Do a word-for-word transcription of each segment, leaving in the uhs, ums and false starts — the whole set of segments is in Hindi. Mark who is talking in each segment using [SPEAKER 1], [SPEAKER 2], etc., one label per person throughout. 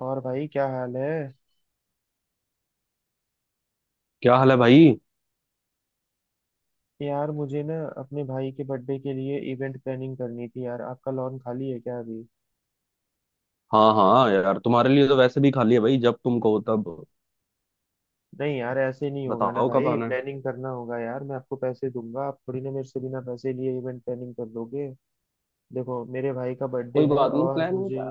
[SPEAKER 1] और भाई क्या हाल है।
[SPEAKER 2] क्या हाल है भाई।
[SPEAKER 1] यार मुझे ना अपने भाई के बर्थडे के लिए इवेंट प्लानिंग करनी थी। यार आपका लॉन खाली है क्या अभी?
[SPEAKER 2] हाँ हाँ यार, तुम्हारे लिए तो वैसे भी खाली है भाई, जब तुम कहो तब।
[SPEAKER 1] नहीं यार, ऐसे नहीं होगा ना
[SPEAKER 2] बताओ कब
[SPEAKER 1] भाई,
[SPEAKER 2] आना है।
[SPEAKER 1] प्लानिंग करना होगा। यार मैं आपको पैसे दूंगा, आप थोड़ी ना मेरे से बिना पैसे लिए इवेंट प्लानिंग कर दोगे। देखो मेरे भाई का बर्थडे
[SPEAKER 2] कोई
[SPEAKER 1] है
[SPEAKER 2] बात नहीं,
[SPEAKER 1] और
[SPEAKER 2] प्लान नहीं
[SPEAKER 1] मुझे।
[SPEAKER 2] था।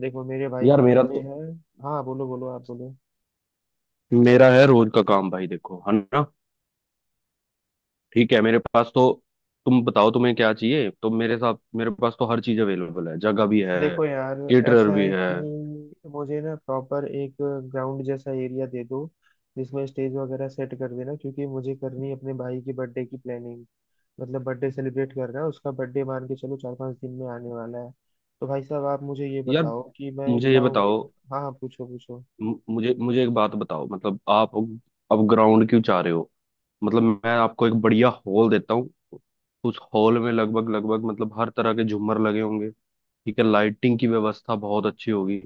[SPEAKER 1] देखो मेरे भाई
[SPEAKER 2] यार
[SPEAKER 1] का
[SPEAKER 2] मेरा
[SPEAKER 1] बर्थडे
[SPEAKER 2] तो
[SPEAKER 1] है। हाँ बोलो बोलो, आप बोलो।
[SPEAKER 2] मेरा है रोज का काम भाई, देखो है ना। ठीक है, मेरे पास तो तुम बताओ तुम्हें क्या चाहिए, तो मेरे साथ मेरे पास तो हर चीज अवेलेबल है, जगह भी है,
[SPEAKER 1] देखो यार,
[SPEAKER 2] केटरर
[SPEAKER 1] ऐसा
[SPEAKER 2] भी
[SPEAKER 1] है
[SPEAKER 2] है।
[SPEAKER 1] कि मुझे ना प्रॉपर एक ग्राउंड जैसा एरिया दे दो, जिसमें स्टेज वगैरह सेट कर देना, क्योंकि मुझे करनी है अपने भाई की बर्थडे की प्लानिंग। मतलब बर्थडे सेलिब्रेट कर रहा है, उसका बर्थडे मान के चलो चार पांच दिन में आने वाला है। तो भाई साहब आप मुझे ये
[SPEAKER 2] यार
[SPEAKER 1] बताओ कि मैं
[SPEAKER 2] मुझे ये
[SPEAKER 1] क्या उम्मीद।
[SPEAKER 2] बताओ,
[SPEAKER 1] हाँ हाँ, पूछो पूछो।
[SPEAKER 2] मु- मुझे मुझे एक बात बताओ, मतलब आप अब ग्राउंड क्यों चाह रहे हो? मतलब मैं आपको एक बढ़िया हॉल देता हूँ, उस हॉल में लगभग लगभग मतलब हर तरह के झूमर लगे होंगे। ठीक है, लाइटिंग की व्यवस्था बहुत अच्छी होगी,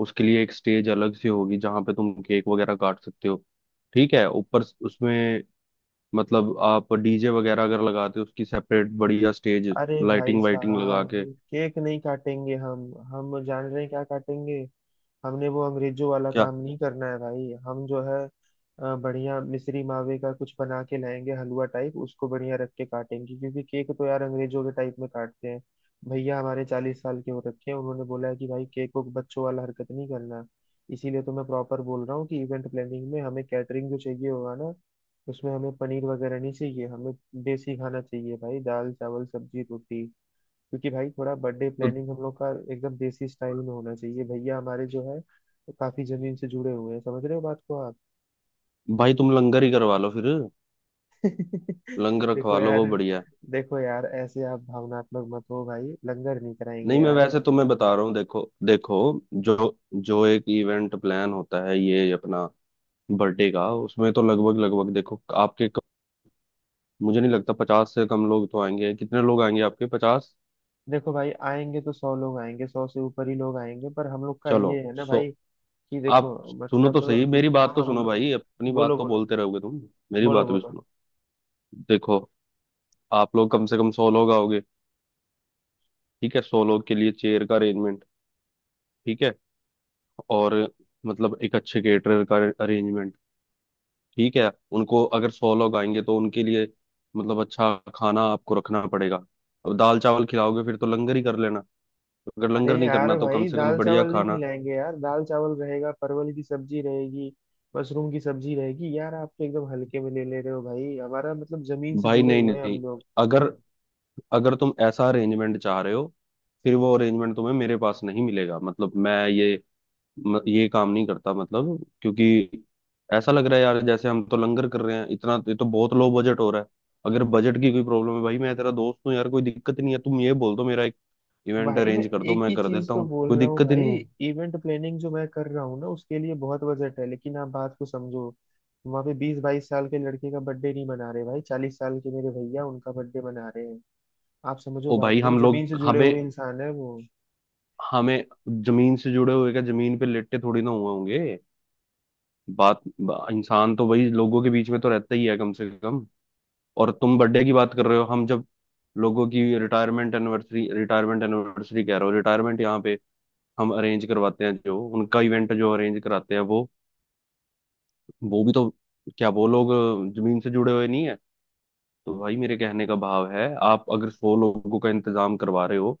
[SPEAKER 2] उसके लिए एक स्टेज अलग से होगी जहाँ पे तुम केक वगैरह काट सकते हो। ठीक है, ऊपर स- उसमें मतलब आप डीजे वगैरह अगर लगाते हो उसकी सेपरेट बढ़िया स्टेज,
[SPEAKER 1] अरे भाई
[SPEAKER 2] लाइटिंग वाइटिंग लगा के।
[SPEAKER 1] साहब, केक नहीं काटेंगे हम। हम जान रहे हैं क्या काटेंगे। हमने वो अंग्रेजों वाला
[SPEAKER 2] क्या?
[SPEAKER 1] काम नहीं करना है भाई, हम जो है अ, बढ़िया मिश्री मावे का कुछ बना के लाएंगे हलवा टाइप, उसको बढ़िया रख के काटेंगे, क्योंकि केक तो यार अंग्रेजों के टाइप में काटते हैं। भैया हमारे चालीस साल के हो रखे हैं, उन्होंने बोला है कि भाई, केक को बच्चों वाला हरकत नहीं करना। इसीलिए तो मैं प्रॉपर बोल रहा हूँ कि इवेंट प्लानिंग में हमें कैटरिंग जो चाहिए होगा ना, उसमें हमें पनीर वगैरह नहीं चाहिए, हमें देसी खाना चाहिए भाई, दाल चावल सब्जी रोटी। क्योंकि भाई थोड़ा बर्थडे
[SPEAKER 2] तो
[SPEAKER 1] प्लानिंग हम लोग का एकदम देसी स्टाइल में होना चाहिए, भैया हमारे जो है काफी जमीन से जुड़े हुए हैं, समझ रहे हो बात को आप?
[SPEAKER 2] भाई तुम लंगर ही करवा लो फिर, लंगर
[SPEAKER 1] देखो
[SPEAKER 2] रखवा लो,
[SPEAKER 1] यार।
[SPEAKER 2] वो बढ़िया है।
[SPEAKER 1] देखो यार, ऐसे आप भावनात्मक मत हो भाई, लंगर नहीं कराएंगे
[SPEAKER 2] नहीं, मैं
[SPEAKER 1] यार।
[SPEAKER 2] वैसे तुम्हें बता रहा हूँ, देखो देखो जो जो एक इवेंट प्लान होता है ये अपना बर्थडे का, उसमें तो लगभग लगभग देखो आपके क- मुझे नहीं लगता पचास से कम लोग तो आएंगे। कितने लोग आएंगे आपके? पचास।
[SPEAKER 1] देखो भाई, आएंगे तो सौ लोग आएंगे, सौ से ऊपर ही लोग आएंगे, पर हम लोग का ये
[SPEAKER 2] चलो
[SPEAKER 1] है ना
[SPEAKER 2] सो,
[SPEAKER 1] भाई कि देखो।
[SPEAKER 2] आप सुनो तो
[SPEAKER 1] मतलब।
[SPEAKER 2] सही, मेरी बात तो
[SPEAKER 1] हाँ
[SPEAKER 2] सुनो
[SPEAKER 1] बोलो
[SPEAKER 2] भाई, अपनी बात
[SPEAKER 1] बोलो,
[SPEAKER 2] तो
[SPEAKER 1] बोलो
[SPEAKER 2] बोलते रहोगे तुम, मेरी
[SPEAKER 1] बोलो
[SPEAKER 2] बात भी
[SPEAKER 1] बोलो।
[SPEAKER 2] सुनो। देखो, आप लोग कम से कम सौ लोग आओगे। ठीक है, सौ लोग के लिए चेयर का अरेंजमेंट। ठीक है, और मतलब एक अच्छे केटरर का अरेंजमेंट। ठीक है, उनको अगर सौ लोग आएंगे तो उनके लिए मतलब अच्छा खाना आपको रखना पड़ेगा। अब दाल चावल खिलाओगे फिर तो लंगर ही कर लेना, अगर
[SPEAKER 1] अरे
[SPEAKER 2] लंगर नहीं करना
[SPEAKER 1] यार
[SPEAKER 2] तो कम
[SPEAKER 1] भाई,
[SPEAKER 2] से कम
[SPEAKER 1] दाल
[SPEAKER 2] बढ़िया
[SPEAKER 1] चावल नहीं
[SPEAKER 2] खाना।
[SPEAKER 1] खिलाएंगे यार, दाल चावल रहेगा, परवल की सब्जी रहेगी, मशरूम की सब्जी रहेगी। यार आप तो एकदम हल्के में ले ले रहे हो भाई, हमारा मतलब जमीन से
[SPEAKER 2] भाई
[SPEAKER 1] जुड़े
[SPEAKER 2] नहीं
[SPEAKER 1] हुए हैं
[SPEAKER 2] नहीं,
[SPEAKER 1] हम लोग।
[SPEAKER 2] अगर अगर तुम ऐसा अरेंजमेंट चाह रहे हो फिर वो अरेंजमेंट तुम्हें मेरे पास नहीं मिलेगा, मतलब मैं ये म, ये काम नहीं करता, मतलब क्योंकि ऐसा लग रहा है यार जैसे हम तो लंगर कर रहे हैं इतना, ये तो बहुत लो बजट हो रहा है। अगर बजट की कोई प्रॉब्लम है भाई, मैं तेरा दोस्त हूँ यार, कोई दिक्कत नहीं है, तुम ये बोल दो मेरा एक इवेंट
[SPEAKER 1] भाई मैं
[SPEAKER 2] अरेंज कर दो,
[SPEAKER 1] एक
[SPEAKER 2] मैं
[SPEAKER 1] ही
[SPEAKER 2] कर
[SPEAKER 1] चीज
[SPEAKER 2] देता
[SPEAKER 1] तो
[SPEAKER 2] हूँ,
[SPEAKER 1] बोल
[SPEAKER 2] कोई
[SPEAKER 1] रहा हूँ
[SPEAKER 2] दिक्कत ही
[SPEAKER 1] भाई,
[SPEAKER 2] नहीं है।
[SPEAKER 1] इवेंट प्लानिंग जो मैं कर रहा हूँ ना उसके लिए बहुत बजट है, लेकिन आप बात को समझो। वहाँ पे बीस बाईस साल के लड़के का बर्थडे नहीं मना रहे भाई, चालीस साल के मेरे भैया, उनका बर्थडे मना रहे हैं। आप समझो
[SPEAKER 2] ओ
[SPEAKER 1] बात
[SPEAKER 2] भाई,
[SPEAKER 1] को,
[SPEAKER 2] हम
[SPEAKER 1] जमीन से
[SPEAKER 2] लोग
[SPEAKER 1] जुड़े
[SPEAKER 2] हमें
[SPEAKER 1] हुए इंसान है वो।
[SPEAKER 2] हमें जमीन से जुड़े हुए क्या, जमीन पे लेटे थोड़ी ना हुए होंगे। बात बा, इंसान तो वही लोगों के बीच में तो रहता ही है कम से कम। और तुम बर्थडे की बात कर रहे हो, हम जब लोगों की रिटायरमेंट एनिवर्सरी, रिटायरमेंट एनिवर्सरी कह रहा हूँ, रिटायरमेंट यहाँ पे हम अरेंज करवाते हैं, जो उनका इवेंट जो अरेंज कराते हैं वो वो भी तो, क्या वो लोग जमीन से जुड़े हुए नहीं है? तो भाई मेरे कहने का भाव है, आप अगर सौ लोगों का इंतजाम करवा रहे हो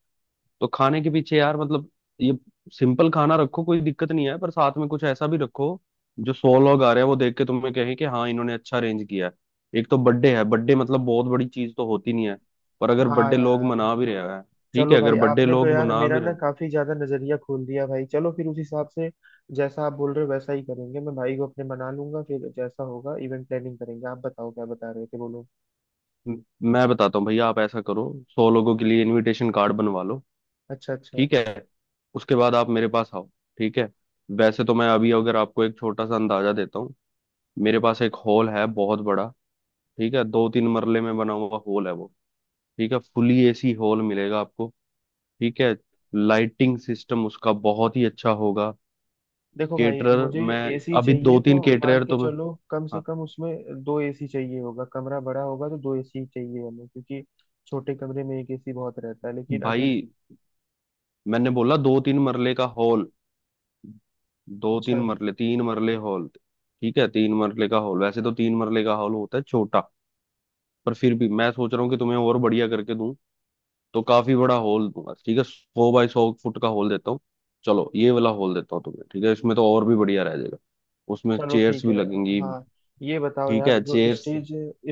[SPEAKER 2] तो खाने के पीछे यार मतलब ये सिंपल खाना रखो कोई दिक्कत नहीं है, पर साथ में कुछ ऐसा भी रखो जो सौ लोग आ रहे हैं वो देख के तुम्हें कहें कि हाँ इन्होंने अच्छा अरेंज किया है। एक तो बर्थडे है, बर्थडे मतलब बहुत बड़ी चीज तो होती नहीं है, पर अगर
[SPEAKER 1] हाँ
[SPEAKER 2] बर्थडे लोग
[SPEAKER 1] यार।
[SPEAKER 2] मना भी रहे हैं। ठीक है,
[SPEAKER 1] चलो
[SPEAKER 2] अगर
[SPEAKER 1] भाई,
[SPEAKER 2] बर्थडे
[SPEAKER 1] आपने तो
[SPEAKER 2] लोग
[SPEAKER 1] यार
[SPEAKER 2] मना
[SPEAKER 1] मेरा
[SPEAKER 2] भी रहे
[SPEAKER 1] ना
[SPEAKER 2] हैं।
[SPEAKER 1] काफी ज्यादा नजरिया खोल दिया भाई, चलो फिर उस हिसाब से जैसा आप बोल रहे हो वैसा ही करेंगे, मैं भाई को अपने मना लूंगा फिर, जैसा होगा इवेंट प्लानिंग करेंगे। आप बताओ क्या बता रहे थे, बोलो।
[SPEAKER 2] मैं बताता हूँ भैया, आप ऐसा करो, सौ लोगों के लिए इनविटेशन कार्ड बनवा लो।
[SPEAKER 1] अच्छा अच्छा।
[SPEAKER 2] ठीक है, उसके बाद आप मेरे पास आओ। ठीक है, वैसे तो मैं अभी अगर आपको एक छोटा सा अंदाजा देता हूँ, मेरे पास एक हॉल है बहुत बड़ा। ठीक है, दो तीन मरले में बना हुआ हॉल है वो। ठीक है, फुली एसी हॉल मिलेगा आपको। ठीक है, लाइटिंग सिस्टम उसका बहुत ही अच्छा होगा।
[SPEAKER 1] देखो भाई,
[SPEAKER 2] केटरर
[SPEAKER 1] मुझे
[SPEAKER 2] मैं
[SPEAKER 1] एसी
[SPEAKER 2] अभी, दो
[SPEAKER 1] चाहिए तो
[SPEAKER 2] तीन
[SPEAKER 1] मान
[SPEAKER 2] केटरर
[SPEAKER 1] के
[SPEAKER 2] तो मैं,
[SPEAKER 1] चलो कम से
[SPEAKER 2] हाँ,
[SPEAKER 1] कम उसमें दो एसी चाहिए होगा, कमरा बड़ा होगा तो दो एसी चाहिए हमें, क्योंकि छोटे कमरे में एक एसी बहुत रहता है, लेकिन अगर।
[SPEAKER 2] भाई मैंने बोला दो तीन मरले का हॉल, दो
[SPEAKER 1] अच्छा,
[SPEAKER 2] तीन मरले, तीन मरले हॉल। ठीक है, तीन मरले का हॉल, वैसे तो तीन मरले का हॉल होता है छोटा, पर फिर भी मैं सोच रहा हूँ कि तुम्हें और बढ़िया करके दूं, तो काफी बड़ा होल दूंगा। ठीक है, सौ बाय सौ फुट का होल देता हूँ। चलो ये वाला होल देता हूँ तुम्हें। ठीक है, इसमें तो और भी बढ़िया रह जाएगा, उसमें
[SPEAKER 1] चलो
[SPEAKER 2] चेयर्स
[SPEAKER 1] ठीक
[SPEAKER 2] भी
[SPEAKER 1] है।
[SPEAKER 2] लगेंगी।
[SPEAKER 1] हाँ, ये बताओ
[SPEAKER 2] ठीक
[SPEAKER 1] यार,
[SPEAKER 2] है,
[SPEAKER 1] जो
[SPEAKER 2] चेयर्स,
[SPEAKER 1] स्टेज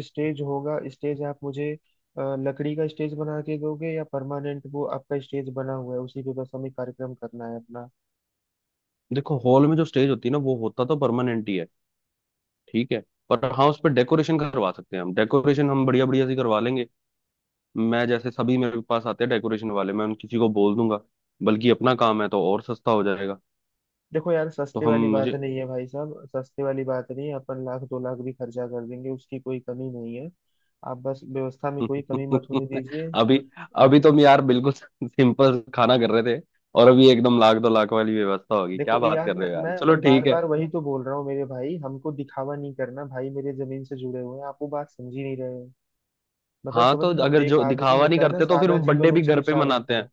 [SPEAKER 1] स्टेज होगा, स्टेज आप मुझे अ, लकड़ी का स्टेज बना के दोगे, या परमानेंट वो आपका स्टेज बना हुआ है उसी पे बस हमें कार्यक्रम करना है अपना?
[SPEAKER 2] देखो हॉल में जो स्टेज होती है ना वो होता तो परमानेंट ही है। ठीक है, पर हाँ उस पर डेकोरेशन करवा सकते हैं हम, डेकोरेशन हम बढ़िया बढ़िया सी करवा लेंगे, मैं जैसे सभी मेरे पास आते हैं डेकोरेशन वाले, मैं उन किसी को बोल दूंगा, बल्कि अपना काम है तो और सस्ता हो जाएगा।
[SPEAKER 1] देखो यार,
[SPEAKER 2] तो
[SPEAKER 1] सस्ते
[SPEAKER 2] हम,
[SPEAKER 1] वाली बात
[SPEAKER 2] मुझे
[SPEAKER 1] नहीं है भाई साहब, सस्ते वाली बात नहीं है, अपन लाख दो लाख भी खर्चा कर देंगे, उसकी कोई कमी नहीं है। आप बस व्यवस्था में कोई कमी मत होने दीजिए।
[SPEAKER 2] अभी अभी तुम यार बिल्कुल सिंपल खाना कर रहे थे, और अभी एकदम लाख दो लाख वाली व्यवस्था होगी, क्या
[SPEAKER 1] देखो
[SPEAKER 2] बात
[SPEAKER 1] यार,
[SPEAKER 2] कर
[SPEAKER 1] मैं
[SPEAKER 2] रहे हो यार? चलो
[SPEAKER 1] मैं बार
[SPEAKER 2] ठीक है।
[SPEAKER 1] बार वही तो बोल रहा हूँ मेरे भाई, हमको दिखावा नहीं करना भाई मेरे, जमीन से जुड़े हुए हैं, आप वो बात समझ ही नहीं रहे हो। मतलब
[SPEAKER 2] हाँ तो
[SPEAKER 1] समझ रहे हो,
[SPEAKER 2] अगर
[SPEAKER 1] एक
[SPEAKER 2] जो
[SPEAKER 1] आदमी
[SPEAKER 2] दिखावा नहीं
[SPEAKER 1] होता है ना,
[SPEAKER 2] करते तो फिर
[SPEAKER 1] सादा
[SPEAKER 2] वो बर्थडे
[SPEAKER 1] जीवन
[SPEAKER 2] भी
[SPEAKER 1] उच्च
[SPEAKER 2] घर पे
[SPEAKER 1] विचार
[SPEAKER 2] मनाते
[SPEAKER 1] होता
[SPEAKER 2] हैं,
[SPEAKER 1] है।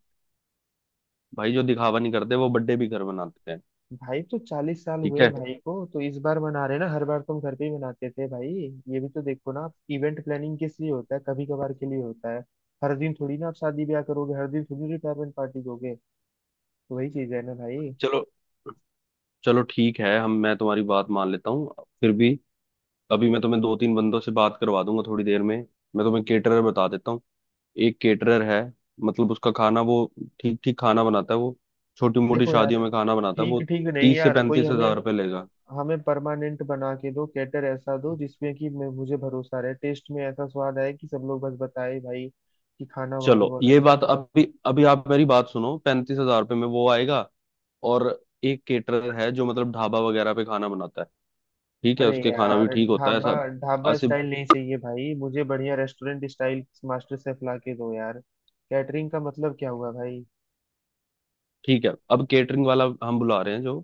[SPEAKER 2] भाई जो दिखावा नहीं करते वो बर्थडे भी घर मनाते हैं।
[SPEAKER 1] भाई तो चालीस साल
[SPEAKER 2] ठीक
[SPEAKER 1] हुए हैं
[SPEAKER 2] है,
[SPEAKER 1] भाई को, तो इस बार मना रहे ना, हर बार तुम घर पे ही मनाते थे भाई। ये भी तो देखो ना, आप इवेंट प्लानिंग किस लिए होता है, कभी कभार के लिए होता है। हर दिन थोड़ी ना आप शादी ब्याह करोगे, हर दिन थोड़ी रिटायरमेंट पार्टी दोगे, तो वही चीज है ना भाई।
[SPEAKER 2] चलो, चलो ठीक है हम, मैं तुम्हारी बात मान लेता हूँ, फिर भी अभी मैं तुम्हें दो तीन बंदों से बात करवा दूंगा थोड़ी देर में, मैं तुम्हें केटरर बता देता हूँ। एक केटरर है, मतलब उसका खाना वो ठीक ठीक खाना बनाता है वो, छोटी मोटी
[SPEAKER 1] देखो यार,
[SPEAKER 2] शादियों में खाना बनाता है
[SPEAKER 1] ठीक
[SPEAKER 2] वो,
[SPEAKER 1] ठीक नहीं
[SPEAKER 2] तीस से
[SPEAKER 1] यार, कोई
[SPEAKER 2] पैंतीस हजार
[SPEAKER 1] हमें।
[SPEAKER 2] रुपये लेगा।
[SPEAKER 1] हमें परमानेंट बना के दो कैटर, ऐसा दो जिसमें कि मैं- मुझे भरोसा रहे, टेस्ट में ऐसा स्वाद आए कि सब लोग बस बताए भाई, कि खाना वहां पे
[SPEAKER 2] चलो
[SPEAKER 1] बहुत
[SPEAKER 2] ये
[SPEAKER 1] अच्छा
[SPEAKER 2] बात,
[SPEAKER 1] था।
[SPEAKER 2] अभी अभी आप मेरी बात सुनो, पैंतीस हजार रुपये में वो आएगा। और एक केटरर है जो मतलब ढाबा वगैरह पे खाना बनाता है, ठीक है
[SPEAKER 1] अरे
[SPEAKER 2] उसके खाना भी
[SPEAKER 1] यार,
[SPEAKER 2] ठीक होता है
[SPEAKER 1] ढाबा।
[SPEAKER 2] सब
[SPEAKER 1] ढाबा
[SPEAKER 2] ऐसे।
[SPEAKER 1] स्टाइल नहीं चाहिए भाई, मुझे बढ़िया रेस्टोरेंट स्टाइल, मास्टर शेफ ला के दो यार। कैटरिंग का मतलब क्या हुआ भाई?
[SPEAKER 2] ठीक है, अब केटरिंग वाला हम बुला रहे हैं जो,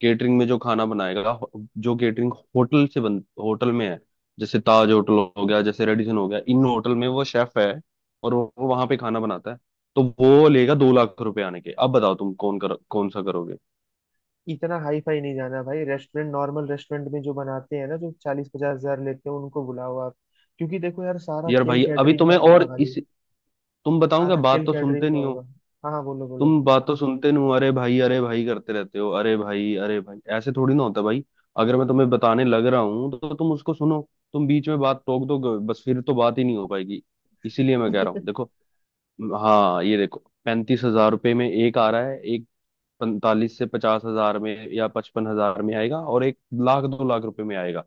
[SPEAKER 2] केटरिंग में जो खाना बनाएगा, हो- जो केटरिंग होटल से, बन होटल में है जैसे ताज होटल हो गया, जैसे रेडिसन हो गया, इन होटल में वो शेफ है और वो वो वहां पे खाना बनाता है, तो वो लेगा दो लाख रुपए आने के। अब बताओ तुम कौन कर कौन सा करोगे?
[SPEAKER 1] इतना हाई फाई नहीं जाना भाई, रेस्टोरेंट, नॉर्मल रेस्टोरेंट में जो बनाते हैं ना, जो चालीस पचास हजार लेते हैं, उनको बुलाओ आप। क्योंकि देखो यार, सारा
[SPEAKER 2] यार
[SPEAKER 1] खेल
[SPEAKER 2] भाई अभी
[SPEAKER 1] कैटरिंग का
[SPEAKER 2] तुम्हें और
[SPEAKER 1] होगा भाई,
[SPEAKER 2] इस, तुम बताओ क्या,
[SPEAKER 1] सारा
[SPEAKER 2] बात
[SPEAKER 1] खेल
[SPEAKER 2] तो सुनते
[SPEAKER 1] कैटरिंग का
[SPEAKER 2] नहीं हो,
[SPEAKER 1] होगा। हाँ हाँ बोलो बोलो।
[SPEAKER 2] तुम बात तो सुनते नहीं हो, अरे भाई अरे भाई करते रहते हो, अरे भाई अरे भाई ऐसे थोड़ी ना होता भाई। अगर मैं तुम्हें बताने लग रहा हूँ तो तुम उसको सुनो, तुम बीच में बात टोक दो, बस फिर तो बात ही नहीं हो पाएगी। इसीलिए मैं कह रहा हूँ, देखो, हाँ ये देखो, पैंतीस हजार रुपये में एक आ रहा है, एक पैंतालीस से पचास हजार में या पचपन हजार में आएगा, और एक लाख दो लाख रुपए में आएगा।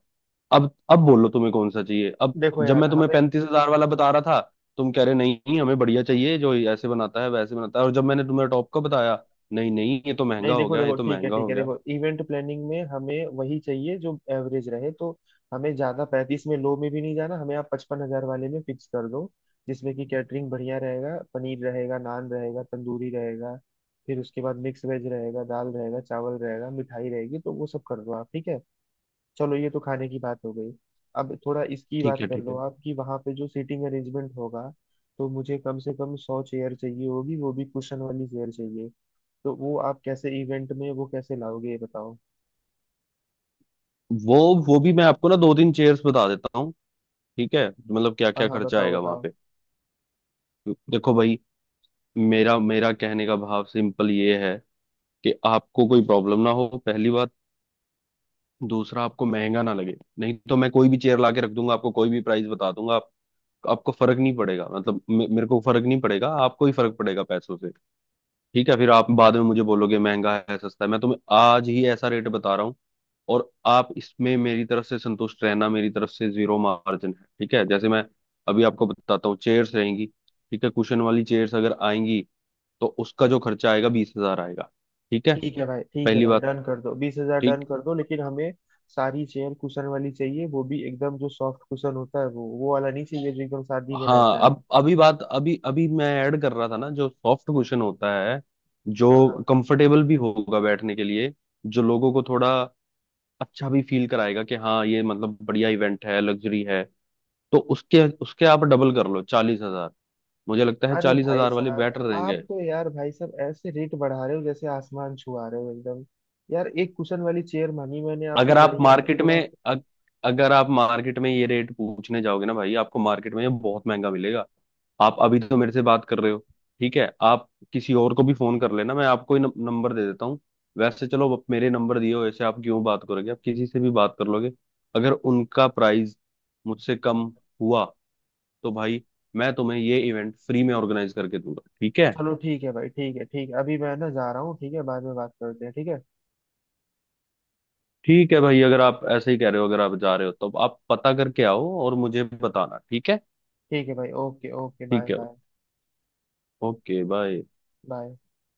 [SPEAKER 2] अब अब बोलो तुम्हें कौन सा चाहिए अब?
[SPEAKER 1] देखो
[SPEAKER 2] जब
[SPEAKER 1] यार
[SPEAKER 2] मैं तुम्हें
[SPEAKER 1] हमें।
[SPEAKER 2] पैंतीस हजार वाला बता रहा था, तुम कह रहे नहीं हमें बढ़िया चाहिए जो ऐसे बनाता है वैसे बनाता है, और जब मैंने तुम्हें टॉप का बताया, नहीं नहीं ये तो
[SPEAKER 1] नहीं,
[SPEAKER 2] महंगा हो
[SPEAKER 1] देखो
[SPEAKER 2] गया, ये
[SPEAKER 1] देखो,
[SPEAKER 2] तो
[SPEAKER 1] ठीक है
[SPEAKER 2] महंगा
[SPEAKER 1] ठीक
[SPEAKER 2] हो
[SPEAKER 1] है,
[SPEAKER 2] गया।
[SPEAKER 1] देखो इवेंट प्लानिंग में हमें वही चाहिए जो एवरेज रहे, तो हमें ज्यादा पैंतीस में लो में भी नहीं जाना, हमें आप पचपन हजार वाले में फिक्स कर दो, जिसमें कि कैटरिंग बढ़िया रहेगा, पनीर रहेगा, नान रहेगा, तंदूरी रहेगा, फिर उसके बाद मिक्स वेज रहेगा, दाल रहेगा, चावल रहेगा, मिठाई रहेगी, तो वो सब कर दो आप, ठीक है। चलो ये तो खाने की बात हो गई। अब थोड़ा इसकी
[SPEAKER 2] ठीक
[SPEAKER 1] बात
[SPEAKER 2] है
[SPEAKER 1] कर
[SPEAKER 2] ठीक
[SPEAKER 1] लो
[SPEAKER 2] है,
[SPEAKER 1] आप, कि वहाँ पे जो सीटिंग अरेंजमेंट होगा, तो मुझे कम से कम सौ चेयर चाहिए होगी, वो भी कुशन वाली चेयर चाहिए, तो वो आप कैसे इवेंट में वो कैसे लाओगे ये बताओ?
[SPEAKER 2] वो वो भी मैं आपको ना दो तीन चेयर्स बता देता हूँ। ठीक है, मतलब क्या
[SPEAKER 1] हाँ
[SPEAKER 2] क्या
[SPEAKER 1] हाँ,
[SPEAKER 2] खर्चा
[SPEAKER 1] बताओ
[SPEAKER 2] आएगा वहां
[SPEAKER 1] बताओ।
[SPEAKER 2] पे। देखो भाई, मेरा मेरा कहने का भाव सिंपल ये है कि आपको कोई प्रॉब्लम ना हो, पहली बात। दूसरा, आपको महंगा ना लगे, नहीं तो मैं कोई भी चेयर लाके रख दूंगा आपको, कोई भी प्राइस बता दूंगा, आप, आपको फर्क नहीं पड़ेगा, मतलब मे- मेरे को फर्क नहीं पड़ेगा, आपको ही फर्क पड़ेगा पैसों से। ठीक है, फिर आप बाद में मुझे बोलोगे महंगा है सस्ता है, मैं तुम्हें आज ही ऐसा रेट बता रहा हूँ, और आप इसमें मेरी तरफ से संतुष्ट रहना, मेरी तरफ से जीरो मार्जिन है। ठीक है, जैसे मैं अभी आपको बताता हूँ, चेयर्स रहेंगी। ठीक है, कुशन वाली चेयर्स अगर आएंगी तो उसका जो खर्चा आएगा बीस हजार आएगा। ठीक है,
[SPEAKER 1] ठीक है भाई, ठीक है
[SPEAKER 2] पहली
[SPEAKER 1] भाई,
[SPEAKER 2] बात।
[SPEAKER 1] डन कर दो, बीस हजार डन
[SPEAKER 2] ठीक।
[SPEAKER 1] कर दो, लेकिन हमें सारी चेयर कुशन वाली चाहिए, वो भी एकदम जो सॉफ्ट कुशन होता है, वो वो वाला नहीं चाहिए जो एकदम शादी में
[SPEAKER 2] हाँ,
[SPEAKER 1] रहता है।
[SPEAKER 2] अब अभी बात, अभी अभी मैं ऐड कर रहा था ना जो सॉफ्ट कुशन होता है,
[SPEAKER 1] हाँ
[SPEAKER 2] जो
[SPEAKER 1] हाँ।
[SPEAKER 2] कंफर्टेबल भी होगा बैठने के लिए, जो लोगों को थोड़ा अच्छा भी फील कराएगा कि हाँ ये मतलब बढ़िया इवेंट है, लग्जरी है। तो उसके उसके आप डबल कर लो चालीस हजार, मुझे लगता है
[SPEAKER 1] अरे
[SPEAKER 2] चालीस
[SPEAKER 1] भाई
[SPEAKER 2] हजार वाले
[SPEAKER 1] साहब,
[SPEAKER 2] बेटर
[SPEAKER 1] आप
[SPEAKER 2] रहेंगे।
[SPEAKER 1] तो यार भाई साहब ऐसे रेट बढ़ा रहे हो जैसे आसमान छुआ रहे हो एकदम, यार एक कुशन वाली चेयर मांगी मैंने आपसे
[SPEAKER 2] अगर आप
[SPEAKER 1] बढ़िया
[SPEAKER 2] मार्केट में,
[SPEAKER 1] थोड़ा।
[SPEAKER 2] अग, अगर आप मार्केट में ये रेट पूछने जाओगे ना भाई, आपको मार्केट में ये बहुत महंगा मिलेगा। आप अभी तो मेरे से बात कर रहे हो। ठीक है, आप किसी और को भी फोन कर लेना, मैं आपको ही नम- नंबर दे देता हूँ। वैसे चलो आप मेरे नंबर दिए हो, ऐसे आप क्यों बात करोगे, आप किसी से भी बात कर लोगे, अगर उनका प्राइस मुझसे कम हुआ, तो भाई मैं तुम्हें ये इवेंट फ्री में ऑर्गेनाइज करके दूंगा। ठीक है,
[SPEAKER 1] चलो ठीक है भाई, ठीक है ठीक है, अभी मैं ना जा रहा हूँ, ठीक है, बाद में बात करते हैं ठीक है।
[SPEAKER 2] ठीक है भाई, अगर आप ऐसे ही कह रहे हो, अगर आप जा रहे हो तो आप पता करके आओ और मुझे बताना। ठीक है,
[SPEAKER 1] ठीक है भाई, ओके ओके, बाय
[SPEAKER 2] ठीक है
[SPEAKER 1] बाय।
[SPEAKER 2] Okay bye.
[SPEAKER 1] बाय।